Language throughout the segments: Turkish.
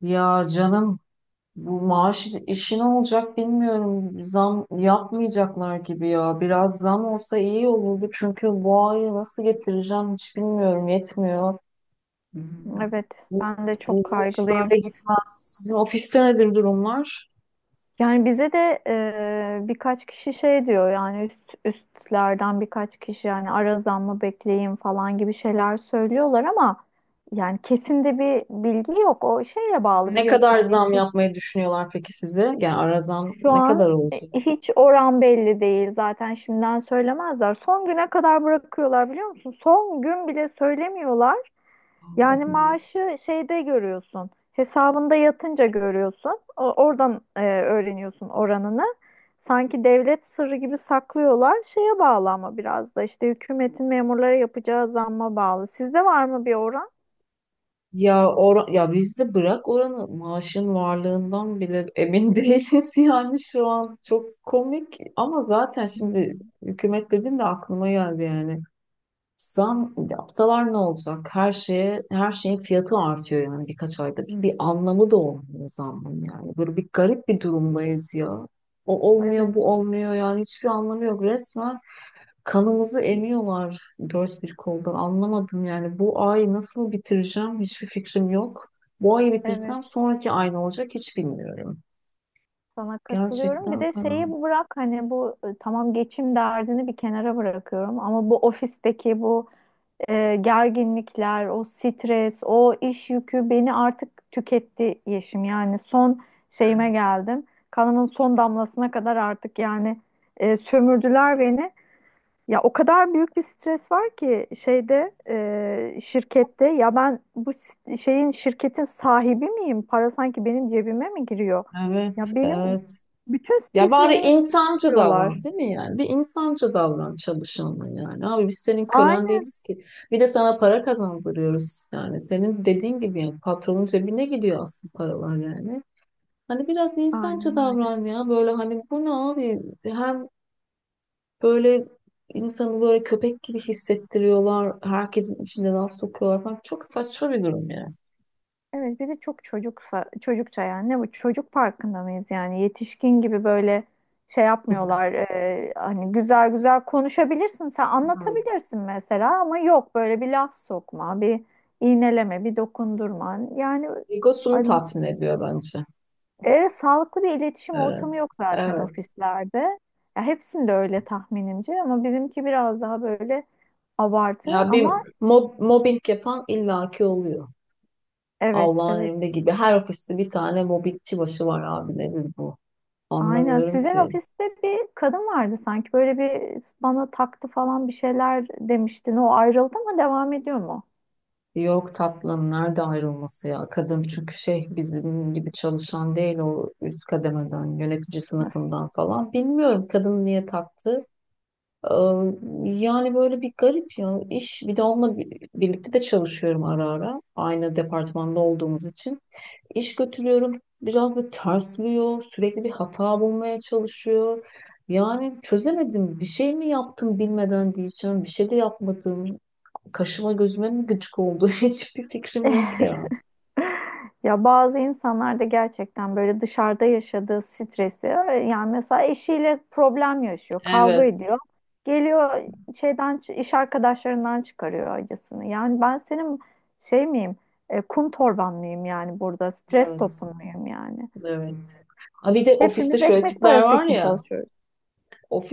Ya canım bu maaş işi ne olacak bilmiyorum. Zam yapmayacaklar gibi ya. Biraz zam olsa iyi olurdu çünkü bu ayı nasıl getireceğim hiç bilmiyorum. Yetmiyor. Bu, Evet, bu, ben de çok bu iş kaygılıyım. böyle gitmez. Sizin ofiste nedir durumlar? Yani bize de birkaç kişi şey diyor yani üstlerden birkaç kişi yani ara zam mı bekleyin falan gibi şeyler söylüyorlar ama yani kesin de bir bilgi yok. O şeyle bağlı Ne biliyorsun kadar hani zam ki yapmayı düşünüyorlar peki size? Yani ara zam şu ne an kadar olacak? hiç oran belli değil. Zaten şimdiden söylemezler. Son güne kadar bırakıyorlar biliyor musun? Son gün bile söylemiyorlar. Yani Allah'ım ya. maaşı şeyde görüyorsun. Hesabında yatınca görüyorsun. Oradan öğreniyorsun oranını. Sanki devlet sırrı gibi saklıyorlar. Şeye bağlı ama biraz da işte hükümetin memurlara yapacağı zamma bağlı. Sizde var mı bir oran? Ya or ya bizde bırak oranı maaşın varlığından bile emin değiliz yani şu an çok komik ama zaten şimdi Hmm. hükümet dedim de aklıma geldi yani. Zam yapsalar ne olacak? Her şeye her şeyin fiyatı artıyor yani birkaç ayda. Bir anlamı da olmuyor zamın yani. Böyle bir garip bir durumdayız ya. O olmuyor, Evet, bu olmuyor yani hiçbir anlamı yok resmen. Kanımızı emiyorlar dört bir koldan. Anlamadım yani bu ayı nasıl bitireceğim hiçbir fikrim yok. Bu ayı evet. bitirsem sonraki ay ne olacak hiç bilmiyorum. Sana katılıyorum. Bir Gerçekten de şeyi fena. bırak hani bu tamam geçim derdini bir kenara bırakıyorum ama bu ofisteki gerginlikler, o stres, o iş yükü beni artık tüketti Yeşim. Yani son şeyime Evet. geldim. Kanımın son damlasına kadar artık yani sömürdüler beni. Ya o kadar büyük bir stres var ki şeyde şirkette ya ben bu s- şeyin şirketin sahibi miyim? Para sanki benim cebime mi giriyor? Evet, Ya benim evet. bütün Ya stresi bari benim üstüme insancı yüklüyorlar. davran, değil mi yani? Bir insancı davran çalışanla yani. Abi biz senin kölen Aynen, değiliz ki. Bir de sana para kazandırıyoruz yani. Senin dediğin gibi yani patronun cebine gidiyor aslında paralar yani. Hani biraz insancı aynen öyle. davran ya. Böyle hani bu ne abi? Hem böyle insanı böyle köpek gibi hissettiriyorlar. Herkesin içinde laf sokuyorlar falan. Çok saçma bir durum yani. Evet bir de çok çocuksa çocukça yani ne bu çocuk parkında mıyız yani yetişkin gibi böyle şey yapmıyorlar hani güzel güzel konuşabilirsin sen Evet. anlatabilirsin mesela ama yok böyle bir laf sokma bir iğneleme bir dokundurma yani Egosunu hani, tatmin ediyor bence. Sağlıklı bir iletişim Evet. ortamı yok zaten Evet. ofislerde ya hepsinde öyle tahminimce ama bizimki biraz daha böyle abartı Ya bir ama mobbing yapan illaki oluyor. evet Allah'ın evet. emri gibi. Her ofiste bir tane mobbingçi başı var abi. Nedir bu? Aynen. Anlamıyorum Sizin ki. ofiste bir kadın vardı sanki. Böyle bir bana taktı falan bir şeyler demiştin. O ayrıldı mı? Devam ediyor mu? Yok tatlım nerede ayrılması ya? Kadın çünkü şey bizim gibi çalışan değil o üst kademeden, yönetici Öf. sınıfından falan. Bilmiyorum kadın niye taktı. Ee, Yani böyle bir garip ya iş bir de onunla birlikte de çalışıyorum ara ara aynı departmanda olduğumuz için iş götürüyorum biraz bir tersliyor sürekli bir hata bulmaya çalışıyor yani çözemedim bir şey mi yaptım bilmeden diyeceğim bir şey de yapmadım kaşıma gözüme mi gıcık oldu hiçbir fikrim yok ya. Ya bazı insanlar da gerçekten böyle dışarıda yaşadığı stresi yani mesela eşiyle problem yaşıyor, kavga ediyor. Evet, Geliyor şeyden iş arkadaşlarından çıkarıyor acısını. Yani ben senin şey miyim? Kum torban mıyım yani burada? Stres evet, topun muyum yani? evet. Ha bir de ofiste Hepimiz şöyle ekmek tipler parası var için ya, çalışıyoruz.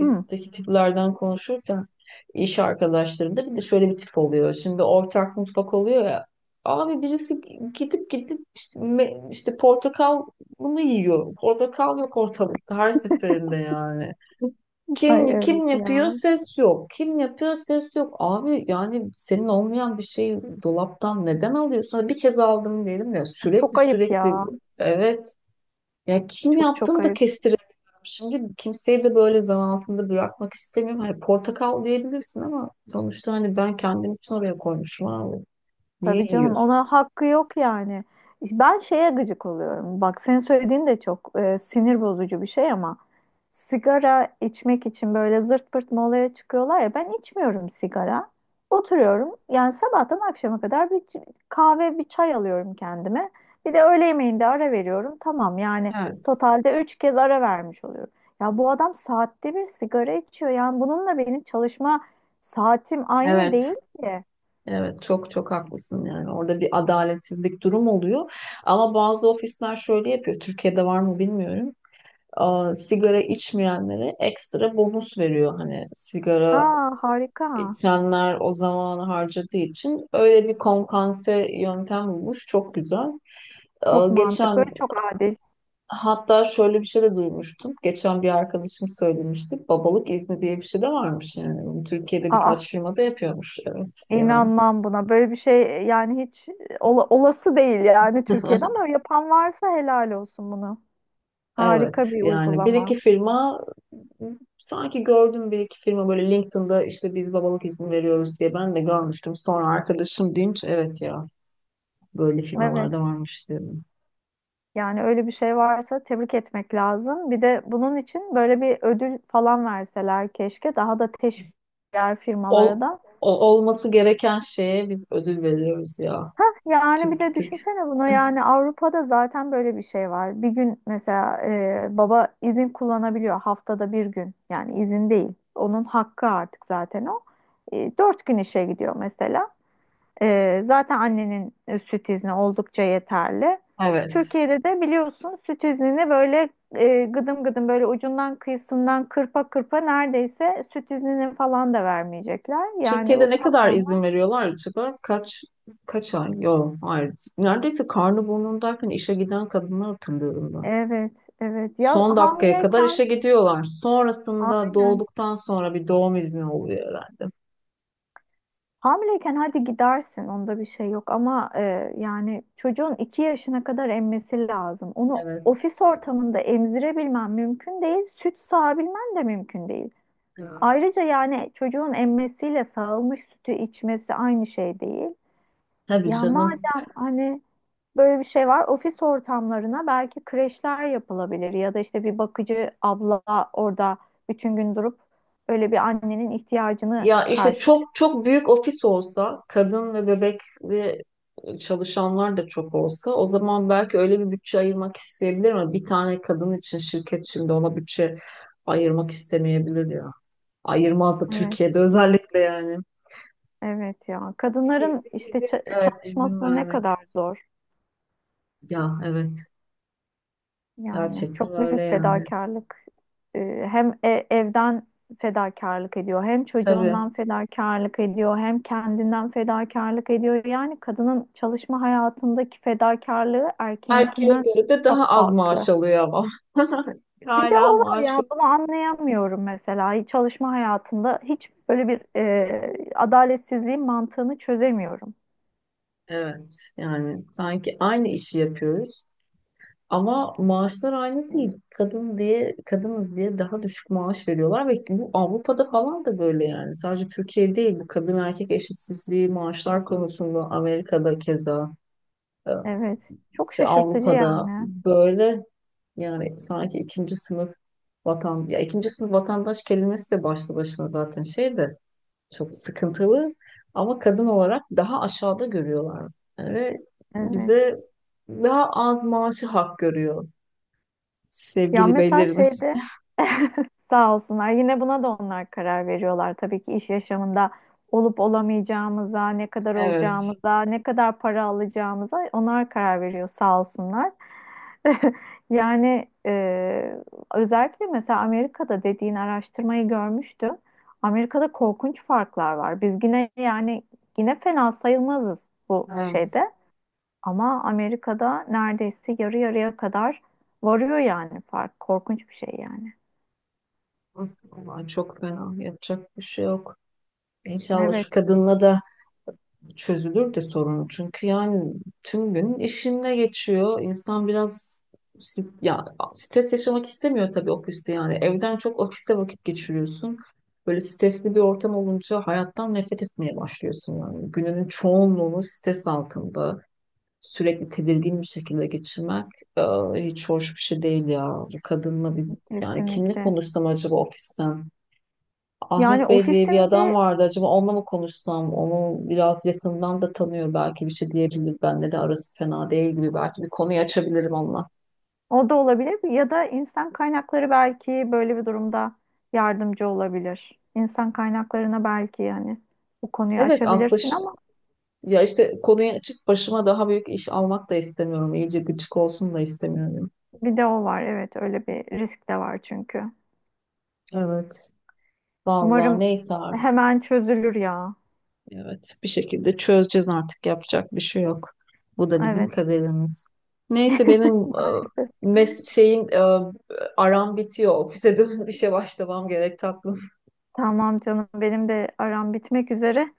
Hı. tiplerden konuşurken iş arkadaşlarımda bir de şöyle bir tip oluyor. Şimdi ortak mutfak oluyor ya. Abi birisi gidip işte, işte portakal mı yiyor? Portakal yok ortalıkta her seferinde yani. Ay Kim evet kim yapıyor ya. ses yok. Kim yapıyor ses yok. Abi yani senin olmayan bir şeyi dolaptan neden alıyorsun? Hadi bir kez aldım diyelim de sürekli Çok ayıp sürekli ya. evet ya kim Çok çok yaptığını da ayıp. kestiremiyorum. Şimdi kimseyi de böyle zan altında bırakmak istemiyorum. Hani portakal diyebilirsin ama sonuçta hani ben kendim için oraya koymuşum abi. Niye Tabii canım yiyorsun? ona hakkı yok yani. Ben şeye gıcık oluyorum. Bak senin söylediğin de çok sinir bozucu bir şey ama sigara içmek için böyle zırt pırt molaya çıkıyorlar ya ben içmiyorum sigara. Oturuyorum yani sabahtan akşama kadar kahve bir çay alıyorum kendime. Bir de öğle yemeğinde ara veriyorum. Tamam yani Evet, totalde 3 kez ara vermiş oluyorum. Ya bu adam saatte bir sigara içiyor. Yani bununla benim çalışma saatim aynı evet. değil ki. Evet çok çok haklısın yani orada bir adaletsizlik durum oluyor ama bazı ofisler şöyle yapıyor Türkiye'de var mı bilmiyorum. Aa, sigara içmeyenlere ekstra bonus veriyor hani sigara Aa harika. içenler o zamanı harcadığı için öyle bir kompanse yöntem bulmuş çok güzel. Çok mantıklı ve Geçen çok adil. Hatta şöyle bir şey de duymuştum. Geçen bir arkadaşım söylemişti. Babalık izni diye bir şey de varmış yani. Bunu Türkiye'de Aa, birkaç firmada yapıyormuş. Evet ya. inanmam buna. Böyle bir şey yani hiç olası değil yani Türkiye'de ama yapan varsa helal olsun bunu. Evet Harika bir yani bir iki uygulama. firma sanki gördüm bir iki firma böyle LinkedIn'da işte biz babalık izni veriyoruz diye ben de görmüştüm. Sonra arkadaşım deyince evet ya böyle Evet. firmalarda varmış dedim. Yani öyle bir şey varsa tebrik etmek lazım. Bir de bunun için böyle bir ödül falan verseler keşke. Daha da teşvik diğer firmalara Ol, da. Olması gereken şeye biz ödül veriyoruz ya. Hah, yani bir Türkiye de Türk. düşünsene bunu yani Avrupa'da zaten böyle bir şey var. Bir gün mesela baba izin kullanabiliyor haftada bir gün yani izin değil. Onun hakkı artık zaten o. Dört gün işe gidiyor mesela. Zaten annenin süt izni oldukça yeterli. Evet. Türkiye'de de biliyorsun süt iznini böyle gıdım gıdım böyle ucundan kıyısından kırpa kırpa neredeyse süt iznini falan da vermeyecekler. Yani Türkiye'de bu ne kadar patronlar izin veriyorlar acaba? Kaç ay? Yok, hayır. Neredeyse karnı burnundayken işe giden kadınlar hatırlıyorum ben. evet evet, ya Son dakikaya kadar işe hamileyken. gidiyorlar. Sonrasında Aynen. doğduktan sonra bir doğum izni oluyor herhalde. Hamileyken hadi gidersin, onda bir şey yok ama yani çocuğun 2 yaşına kadar emmesi lazım. Onu Evet. ofis ortamında emzirebilmen mümkün değil, süt sağabilmen de mümkün değil. Ayrıca Evet. yani çocuğun emmesiyle sağılmış sütü içmesi aynı şey değil. Tabii Ya canım. madem hani böyle bir şey var, ofis ortamlarına belki kreşler yapılabilir ya da işte bir bakıcı abla orada bütün gün durup böyle bir annenin ihtiyacını Ya işte karşılıyor. çok çok büyük ofis olsa, kadın ve bebekli çalışanlar da çok olsa o zaman belki öyle bir bütçe ayırmak isteyebilir ama bir tane kadın için şirket şimdi ona bütçe ayırmak istemeyebilir. Ayırmaz da Evet. Türkiye'de özellikle yani. Evet ya. En iyisi Kadınların işte izin, evet izin çalışması ne vermek. kadar zor. Ya evet. Yani Gerçekten çok öyle büyük yani. fedakarlık. Hem evden fedakarlık ediyor, hem Tabii. çocuğundan fedakarlık ediyor, hem kendinden fedakarlık ediyor. Yani kadının çalışma hayatındaki fedakarlığı Erkeğe erkeğinkinden göre de daha çok az maaş farklı. alıyor ama. Bir de Hala o var maaş ya ko- bunu anlayamıyorum mesela. Çalışma hayatında hiç böyle bir adaletsizliğin mantığını çözemiyorum. Evet. Yani sanki aynı işi yapıyoruz. Ama maaşlar aynı değil. Kadın diye, kadınız diye daha düşük maaş veriyorlar ve bu Avrupa'da falan da böyle yani. Sadece Türkiye değil bu kadın erkek eşitsizliği maaşlar konusunda Amerika'da keza. e, Evet. Çok şaşırtıcı Avrupa'da yani. böyle yani sanki ikinci sınıf vatan ya ikinci sınıf vatandaş kelimesi de başlı başına zaten şey de çok sıkıntılı ama kadın olarak daha aşağıda görüyorlar ve Evet. bize daha az maaşı hak görüyor Ya sevgili mesela beylerimiz. şeyde sağ olsunlar yine buna da onlar karar veriyorlar. Tabii ki iş yaşamında olup olamayacağımıza, ne kadar Evet, olacağımıza, ne kadar para alacağımıza onlar karar veriyor sağ olsunlar. Yani özellikle mesela Amerika'da dediğin araştırmayı görmüştüm. Amerika'da korkunç farklar var. Biz yine yani yine fena sayılmazız bu evet. şeyde. Ama Amerika'da neredeyse yarı yarıya kadar varıyor yani fark. Korkunç bir şey yani. Vallahi çok fena. Yapacak bir şey yok. İnşallah şu Evet, kadınla da çözülür de sorun. Çünkü yani tüm gün işinde geçiyor. İnsan biraz sit- ya stres yaşamak istemiyor tabii ofiste yani. Evden çok ofiste vakit geçiriyorsun. Böyle stresli bir ortam olunca hayattan nefret etmeye başlıyorsun yani. Gününün çoğunluğunu stres altında sürekli tedirgin bir şekilde e, hiç hoş bir şey değil ya. Bu kadınla bir yani kimle kesinlikle. konuşsam acaba ofisten? Yani Ahmet Bey diye bir adam ofisimdi vardı. Acaba onunla mı konuşsam? Onu biraz yakından da tanıyor belki bir şey diyebilir. Bende de arası fena değil gibi. Belki bir konuyu açabilirim onunla. o da olabilir ya da insan kaynakları belki böyle bir durumda yardımcı olabilir. İnsan kaynaklarına belki yani bu konuyu Evet aslında açabilirsin ş- ama Ya işte konuyu açıp başıma daha büyük iş almak da istemiyorum. İyice gıcık olsun da istemiyorum. bir de o var. Evet, öyle bir risk de var çünkü. Evet. Vallahi Umarım neyse artık. hemen çözülür ya. Evet. Bir şekilde çözeceğiz artık. Yapacak bir şey yok. Bu da bizim Evet, kaderimiz. Neyse benim e, maalesef. mes şeyim e, aram bitiyor. Ofise dönüp işe başlamam gerek tatlı. Tamam canım benim de aram bitmek üzere.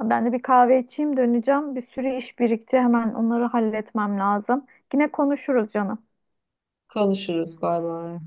Ben de bir kahve içeyim döneceğim. Bir sürü iş birikti. Hemen onları halletmem lazım. Yine konuşuruz canım. Konuşuruz. Bay bay.